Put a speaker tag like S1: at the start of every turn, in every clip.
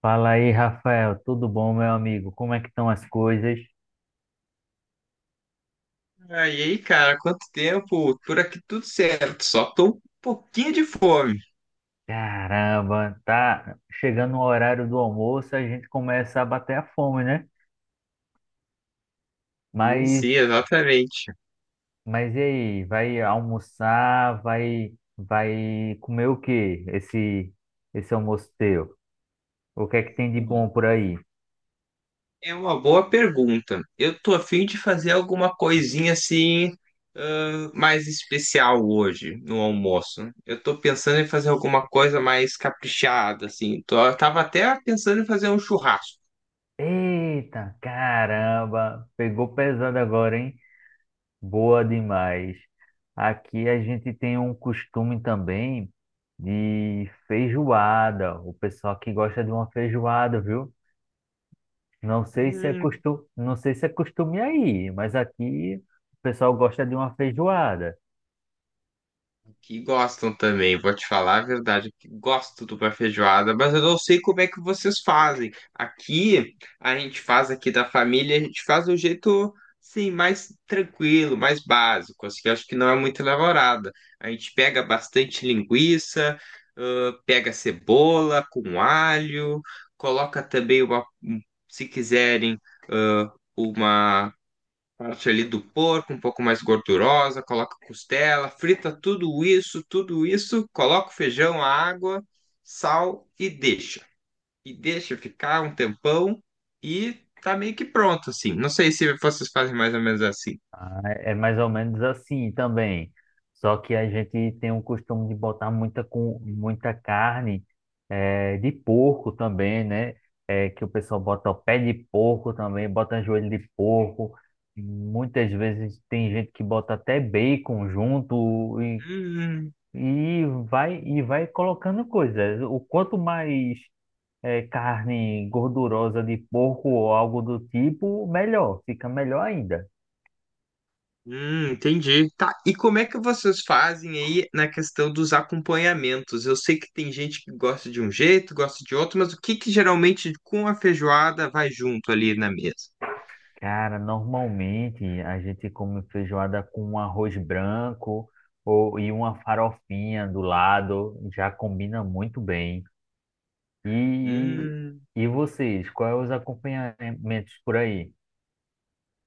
S1: Fala aí, Rafael, tudo bom, meu amigo? Como é que estão as coisas?
S2: Aí, cara, quanto tempo? Por aqui tudo certo, só tô um pouquinho de fome.
S1: Caramba, tá chegando o horário do almoço, a gente começa a bater a fome, né?
S2: Sim,
S1: Mas,
S2: sim, exatamente.
S1: mas e aí, vai almoçar, vai comer o quê? Esse almoço teu? O que é que tem de
S2: Hum.
S1: bom por aí?
S2: É uma boa pergunta. Eu tô a fim de fazer alguma coisinha assim, mais especial hoje no almoço. Eu tô pensando em fazer alguma coisa mais caprichada, assim. Tô, eu tava até pensando em fazer um churrasco.
S1: Eita, caramba, pegou pesado agora, hein? Boa demais. Aqui a gente tem um costume também de feijoada. O pessoal que gosta de uma feijoada, viu? Não sei se é
S2: Hum,
S1: costume, não sei se é costume aí, mas aqui o pessoal gosta de uma feijoada.
S2: Que gostam também, vou te falar a verdade, que gosto de uma feijoada, mas eu não sei como é que vocês fazem. Aqui, a gente faz aqui da família, a gente faz do jeito, sim, mais tranquilo, mais básico, assim, que eu acho que não é muito elaborada. A gente pega bastante linguiça, pega cebola com alho, coloca também uma, se quiserem, ãh, uma parte ali do porco, um pouco mais gordurosa, coloca costela, frita tudo isso, coloca o feijão, a água, sal e deixa. E deixa ficar um tempão e tá meio que pronto, assim. Não sei se vocês fazem mais ou menos assim.
S1: Ah, é é mais ou menos assim também. Só que a gente tem o costume de botar muita carne de porco também, né? Que o pessoal bota o pé de porco também, bota joelho de porco. Muitas vezes tem gente que bota até bacon junto
S2: Hum,
S1: e vai colocando coisas. O quanto mais carne gordurosa de porco ou algo do tipo, melhor, fica melhor ainda.
S2: entendi. Tá, e como é que vocês fazem aí na questão dos acompanhamentos? Eu sei que tem gente que gosta de um jeito, gosta de outro, mas o que que geralmente com a feijoada vai junto ali na mesa?
S1: Cara, normalmente a gente come feijoada com um arroz branco e uma farofinha do lado, já combina muito bem. E,
S2: Hum.
S1: e vocês, quais os acompanhamentos por aí?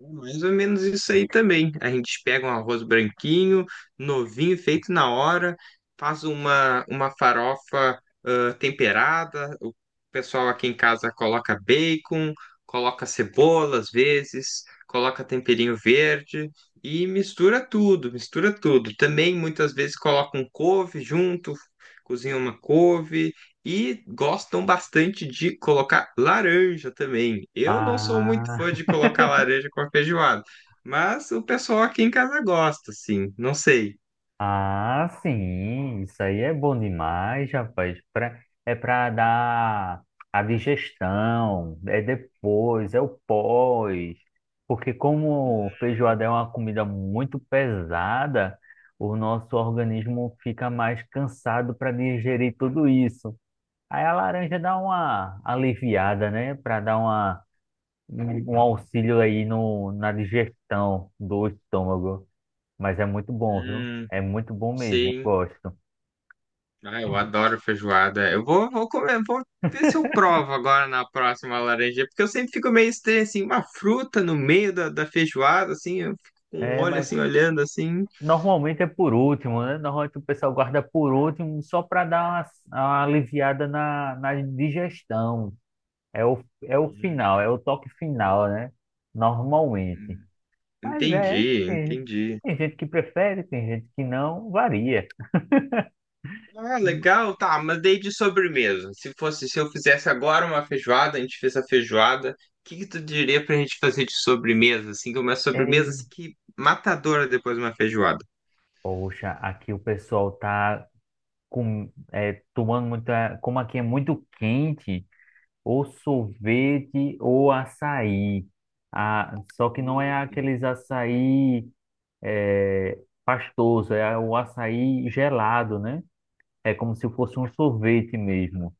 S2: É mais ou menos isso aí também. A gente pega um arroz branquinho, novinho, feito na hora, faz uma farofa temperada. O pessoal aqui em casa coloca bacon, coloca cebola às vezes, coloca temperinho verde e mistura tudo, mistura tudo. Também muitas vezes coloca um couve junto, cozinha uma couve. E gostam bastante de colocar laranja também. Eu não sou muito
S1: Ah,
S2: fã de colocar laranja com a feijoada, mas o pessoal aqui em casa gosta, sim. Não sei.
S1: ah, sim, isso aí é bom demais, rapaz. É para dar a digestão, é depois, é o pós. Porque como
S2: Hum,
S1: feijoada é uma comida muito pesada, o nosso organismo fica mais cansado para digerir tudo isso. Aí a laranja dá uma aliviada, né? Para dar um auxílio aí no, na digestão do estômago. Mas é muito bom, viu?
S2: hum,
S1: É muito bom mesmo, eu
S2: sim.
S1: gosto.
S2: Ah, eu adoro feijoada. Eu vou comer, vou ver se eu provo agora na próxima laranja, porque eu sempre fico meio estranho, assim, uma fruta no meio da feijoada, assim, eu fico com um
S1: É,
S2: olho
S1: mas
S2: assim, olhando assim.
S1: normalmente é por último, né? Normalmente o pessoal guarda por último só para dar uma aliviada na digestão. É o final, é o toque final, né? Normalmente. Mas é,
S2: Entendi,
S1: tem, gente-
S2: entendi.
S1: Tem gente que prefere, tem gente que não, varia.
S2: Ah, legal, tá, mas daí de sobremesa. Se fosse, se eu fizesse agora uma feijoada, a gente fez a feijoada, o que que tu diria pra gente fazer de sobremesa, assim, que é uma sobremesa
S1: É,
S2: assim que matadora depois de uma feijoada?
S1: poxa, aqui o pessoal tá tomando muita. Como aqui é muito quente, ou sorvete ou açaí. Ah, só que não é
S2: Hum,
S1: aqueles açaí é, pastoso, é o açaí gelado, né? É como se fosse um sorvete mesmo.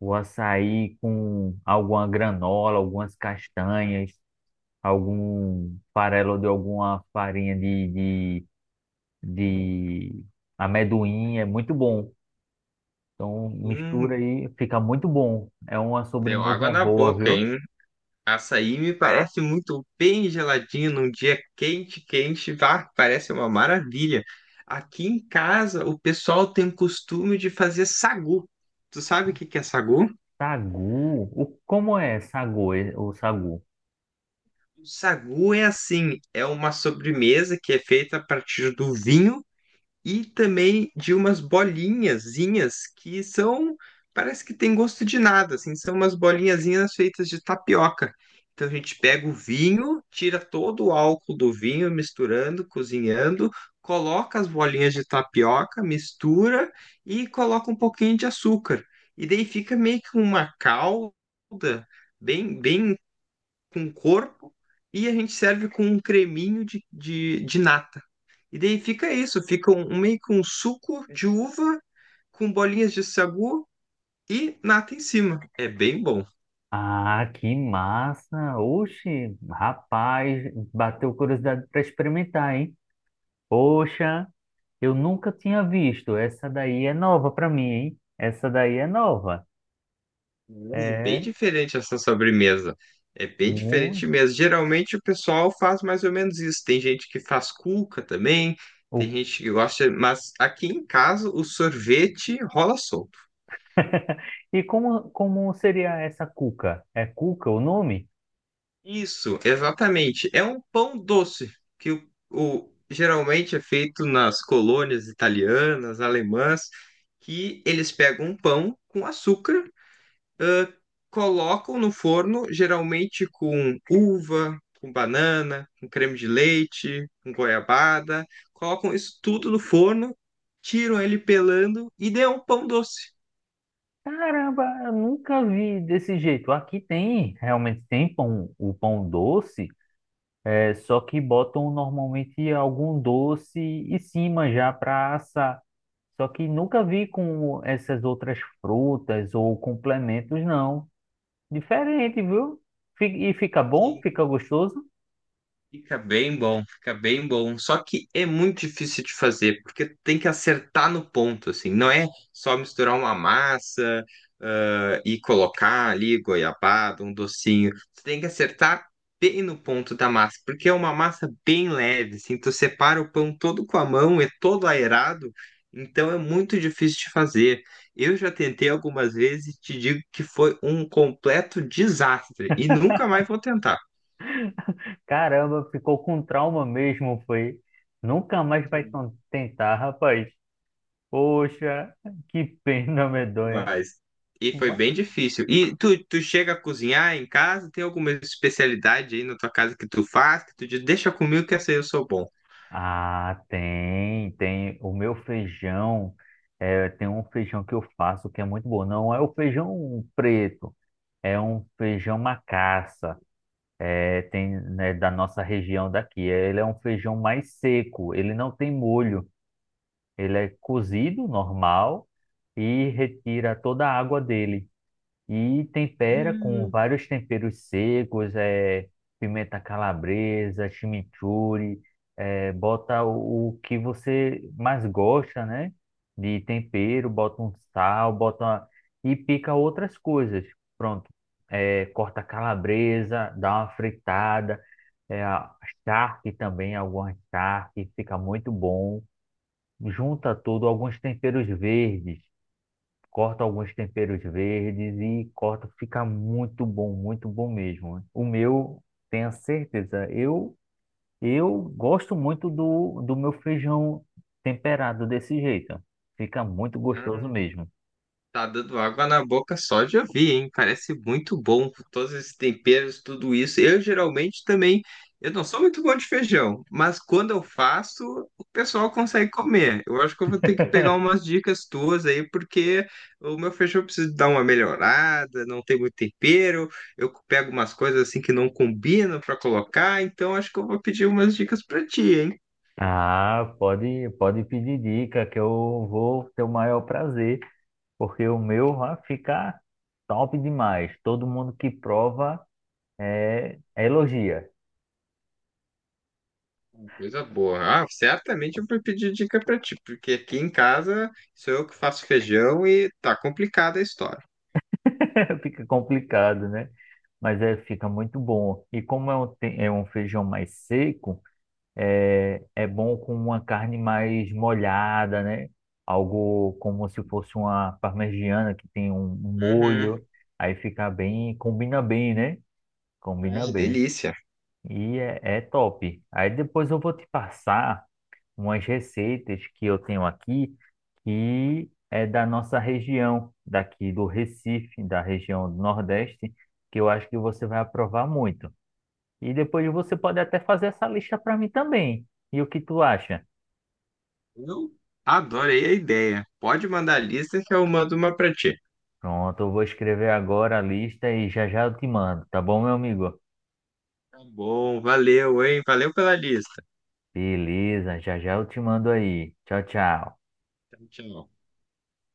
S1: O açaí com alguma granola, algumas castanhas, algum farelo de alguma farinha de amendoim, é muito bom. Então mistura
S2: hum,
S1: aí, fica muito bom. É uma
S2: deu água
S1: sobremesa
S2: na
S1: boa,
S2: boca,
S1: viu?
S2: hein? Açaí me parece muito bem geladinho num dia quente, quente, vá, parece uma maravilha. Aqui em casa, o pessoal tem o costume de fazer sagu. Tu sabe o que que é sagu?
S1: Sagu? Como é sagu, o sagu?
S2: O sagu é assim, é uma sobremesa que é feita a partir do vinho e também de umas bolinhazinhas que são, parece que tem gosto de nada, assim, são umas bolinhazinhas feitas de tapioca. Então a gente pega o vinho, tira todo o álcool do vinho, misturando, cozinhando, coloca as bolinhas de tapioca, mistura e coloca um pouquinho de açúcar. E daí fica meio que uma calda bem, bem com corpo e a gente serve com um creminho de nata. E daí fica isso, fica um meio que um suco de uva com bolinhas de sagu e nata em cima. É bem bom.
S1: Ah, que massa! Oxe, rapaz, bateu curiosidade para experimentar, hein? Poxa, eu nunca tinha visto. Essa daí é nova para mim, hein? Essa daí é nova.
S2: É bem
S1: É
S2: diferente essa sobremesa. É bem
S1: muito.
S2: diferente mesmo. Geralmente o pessoal faz mais ou menos isso. Tem gente que faz cuca também, tem gente que gosta, mas aqui em casa o sorvete rola solto.
S1: E como seria essa cuca? É cuca o nome?
S2: Isso, exatamente. É um pão doce que o geralmente é feito nas colônias italianas, alemãs, que eles pegam um pão com açúcar, ãh, colocam no forno, geralmente com uva, com banana, com creme de leite, com goiabada, colocam isso tudo no forno, tiram ele pelando e dê um pão doce.
S1: Caramba, eu nunca vi desse jeito. Aqui tem, realmente tem pão, o pão doce. É só que botam normalmente algum doce em cima já para assar. Só que nunca vi com essas outras frutas ou complementos, não. Diferente, viu? E fica bom? Fica gostoso?
S2: Fica bem bom, fica bem bom. Só que é muito difícil de fazer, porque tem que acertar no ponto, assim. Não é só misturar uma massa, e colocar ali goiabada, um docinho. Você tem que acertar bem no ponto da massa, porque é uma massa bem leve, assim. Tu separa o pão todo com a mão, é todo aerado, então é muito difícil de fazer. Eu já tentei algumas vezes e te digo que foi um completo desastre, e nunca mais vou tentar.
S1: Caramba, ficou com trauma mesmo, foi. Nunca mais vai tentar, rapaz. Poxa, que pena medonha.
S2: Mas. E foi bem difícil. E tu chega a cozinhar em casa? Tem alguma especialidade aí na tua casa que tu faz? Que tu diz, deixa comigo que essa aí eu sou bom.
S1: Ah, tem, tem. O meu feijão, é, tem um feijão que eu faço que é muito bom. Não é o feijão preto, é um feijão macaça. É, tem, né, da nossa região daqui. Ele é um feijão mais seco, ele não tem molho. Ele é cozido normal e retira toda a água dele e tempera com
S2: Hum,
S1: vários temperos secos, é, pimenta calabresa, chimichurri, é, bota o que você mais gosta, né? De tempero, bota um sal, bota e pica outras coisas. Pronto. É, corta calabresa, dá uma fritada, é, a charque também, alguma charque, fica muito bom. Junta tudo, alguns temperos verdes, corto alguns temperos verdes e corto, fica muito bom mesmo, né? O meu, tenha certeza, eu gosto muito do meu feijão temperado desse jeito. Fica muito gostoso
S2: ah,
S1: mesmo.
S2: Tá dando água na boca só de ouvir, hein? Parece muito bom, todos esses temperos, tudo isso. Eu geralmente também, eu não sou muito bom de feijão, mas quando eu faço, o pessoal consegue comer. Eu acho que eu vou ter que pegar umas dicas tuas aí, porque o meu feijão precisa dar uma melhorada, não tem muito tempero, eu pego umas coisas assim que não combinam para colocar, então acho que eu vou pedir umas dicas para ti, hein?
S1: Ah, pode pedir dica que eu vou ter o maior prazer, porque o meu vai ficar top demais. Todo mundo que prova é elogia.
S2: Coisa boa. Ah, certamente eu vou pedir dica pra ti, porque aqui em casa sou eu que faço feijão e tá complicada a história.
S1: Fica complicado, né? Mas é, fica muito bom. E como é é um feijão mais seco, é, é bom com uma carne mais molhada, né? Algo como se fosse uma parmegiana que tem um
S2: Uhum.
S1: molho. Aí fica bem, combina bem, né? Combina
S2: Ah,
S1: bem.
S2: delícia.
S1: E é, é top. Aí depois eu vou te passar umas receitas que eu tenho aqui que é da nossa região, daqui do Recife, da região do Nordeste, que eu acho que você vai aprovar muito. E depois você pode até fazer essa lista para mim também. E o que tu acha?
S2: Eu adorei a ideia. Pode mandar a lista que eu mando uma pra ti.
S1: Pronto, eu vou escrever agora a lista e já já eu te mando, tá bom, meu amigo?
S2: Tá bom, valeu, hein? Valeu pela lista.
S1: Beleza, já já eu te mando aí. Tchau, tchau.
S2: Tchau, tchau.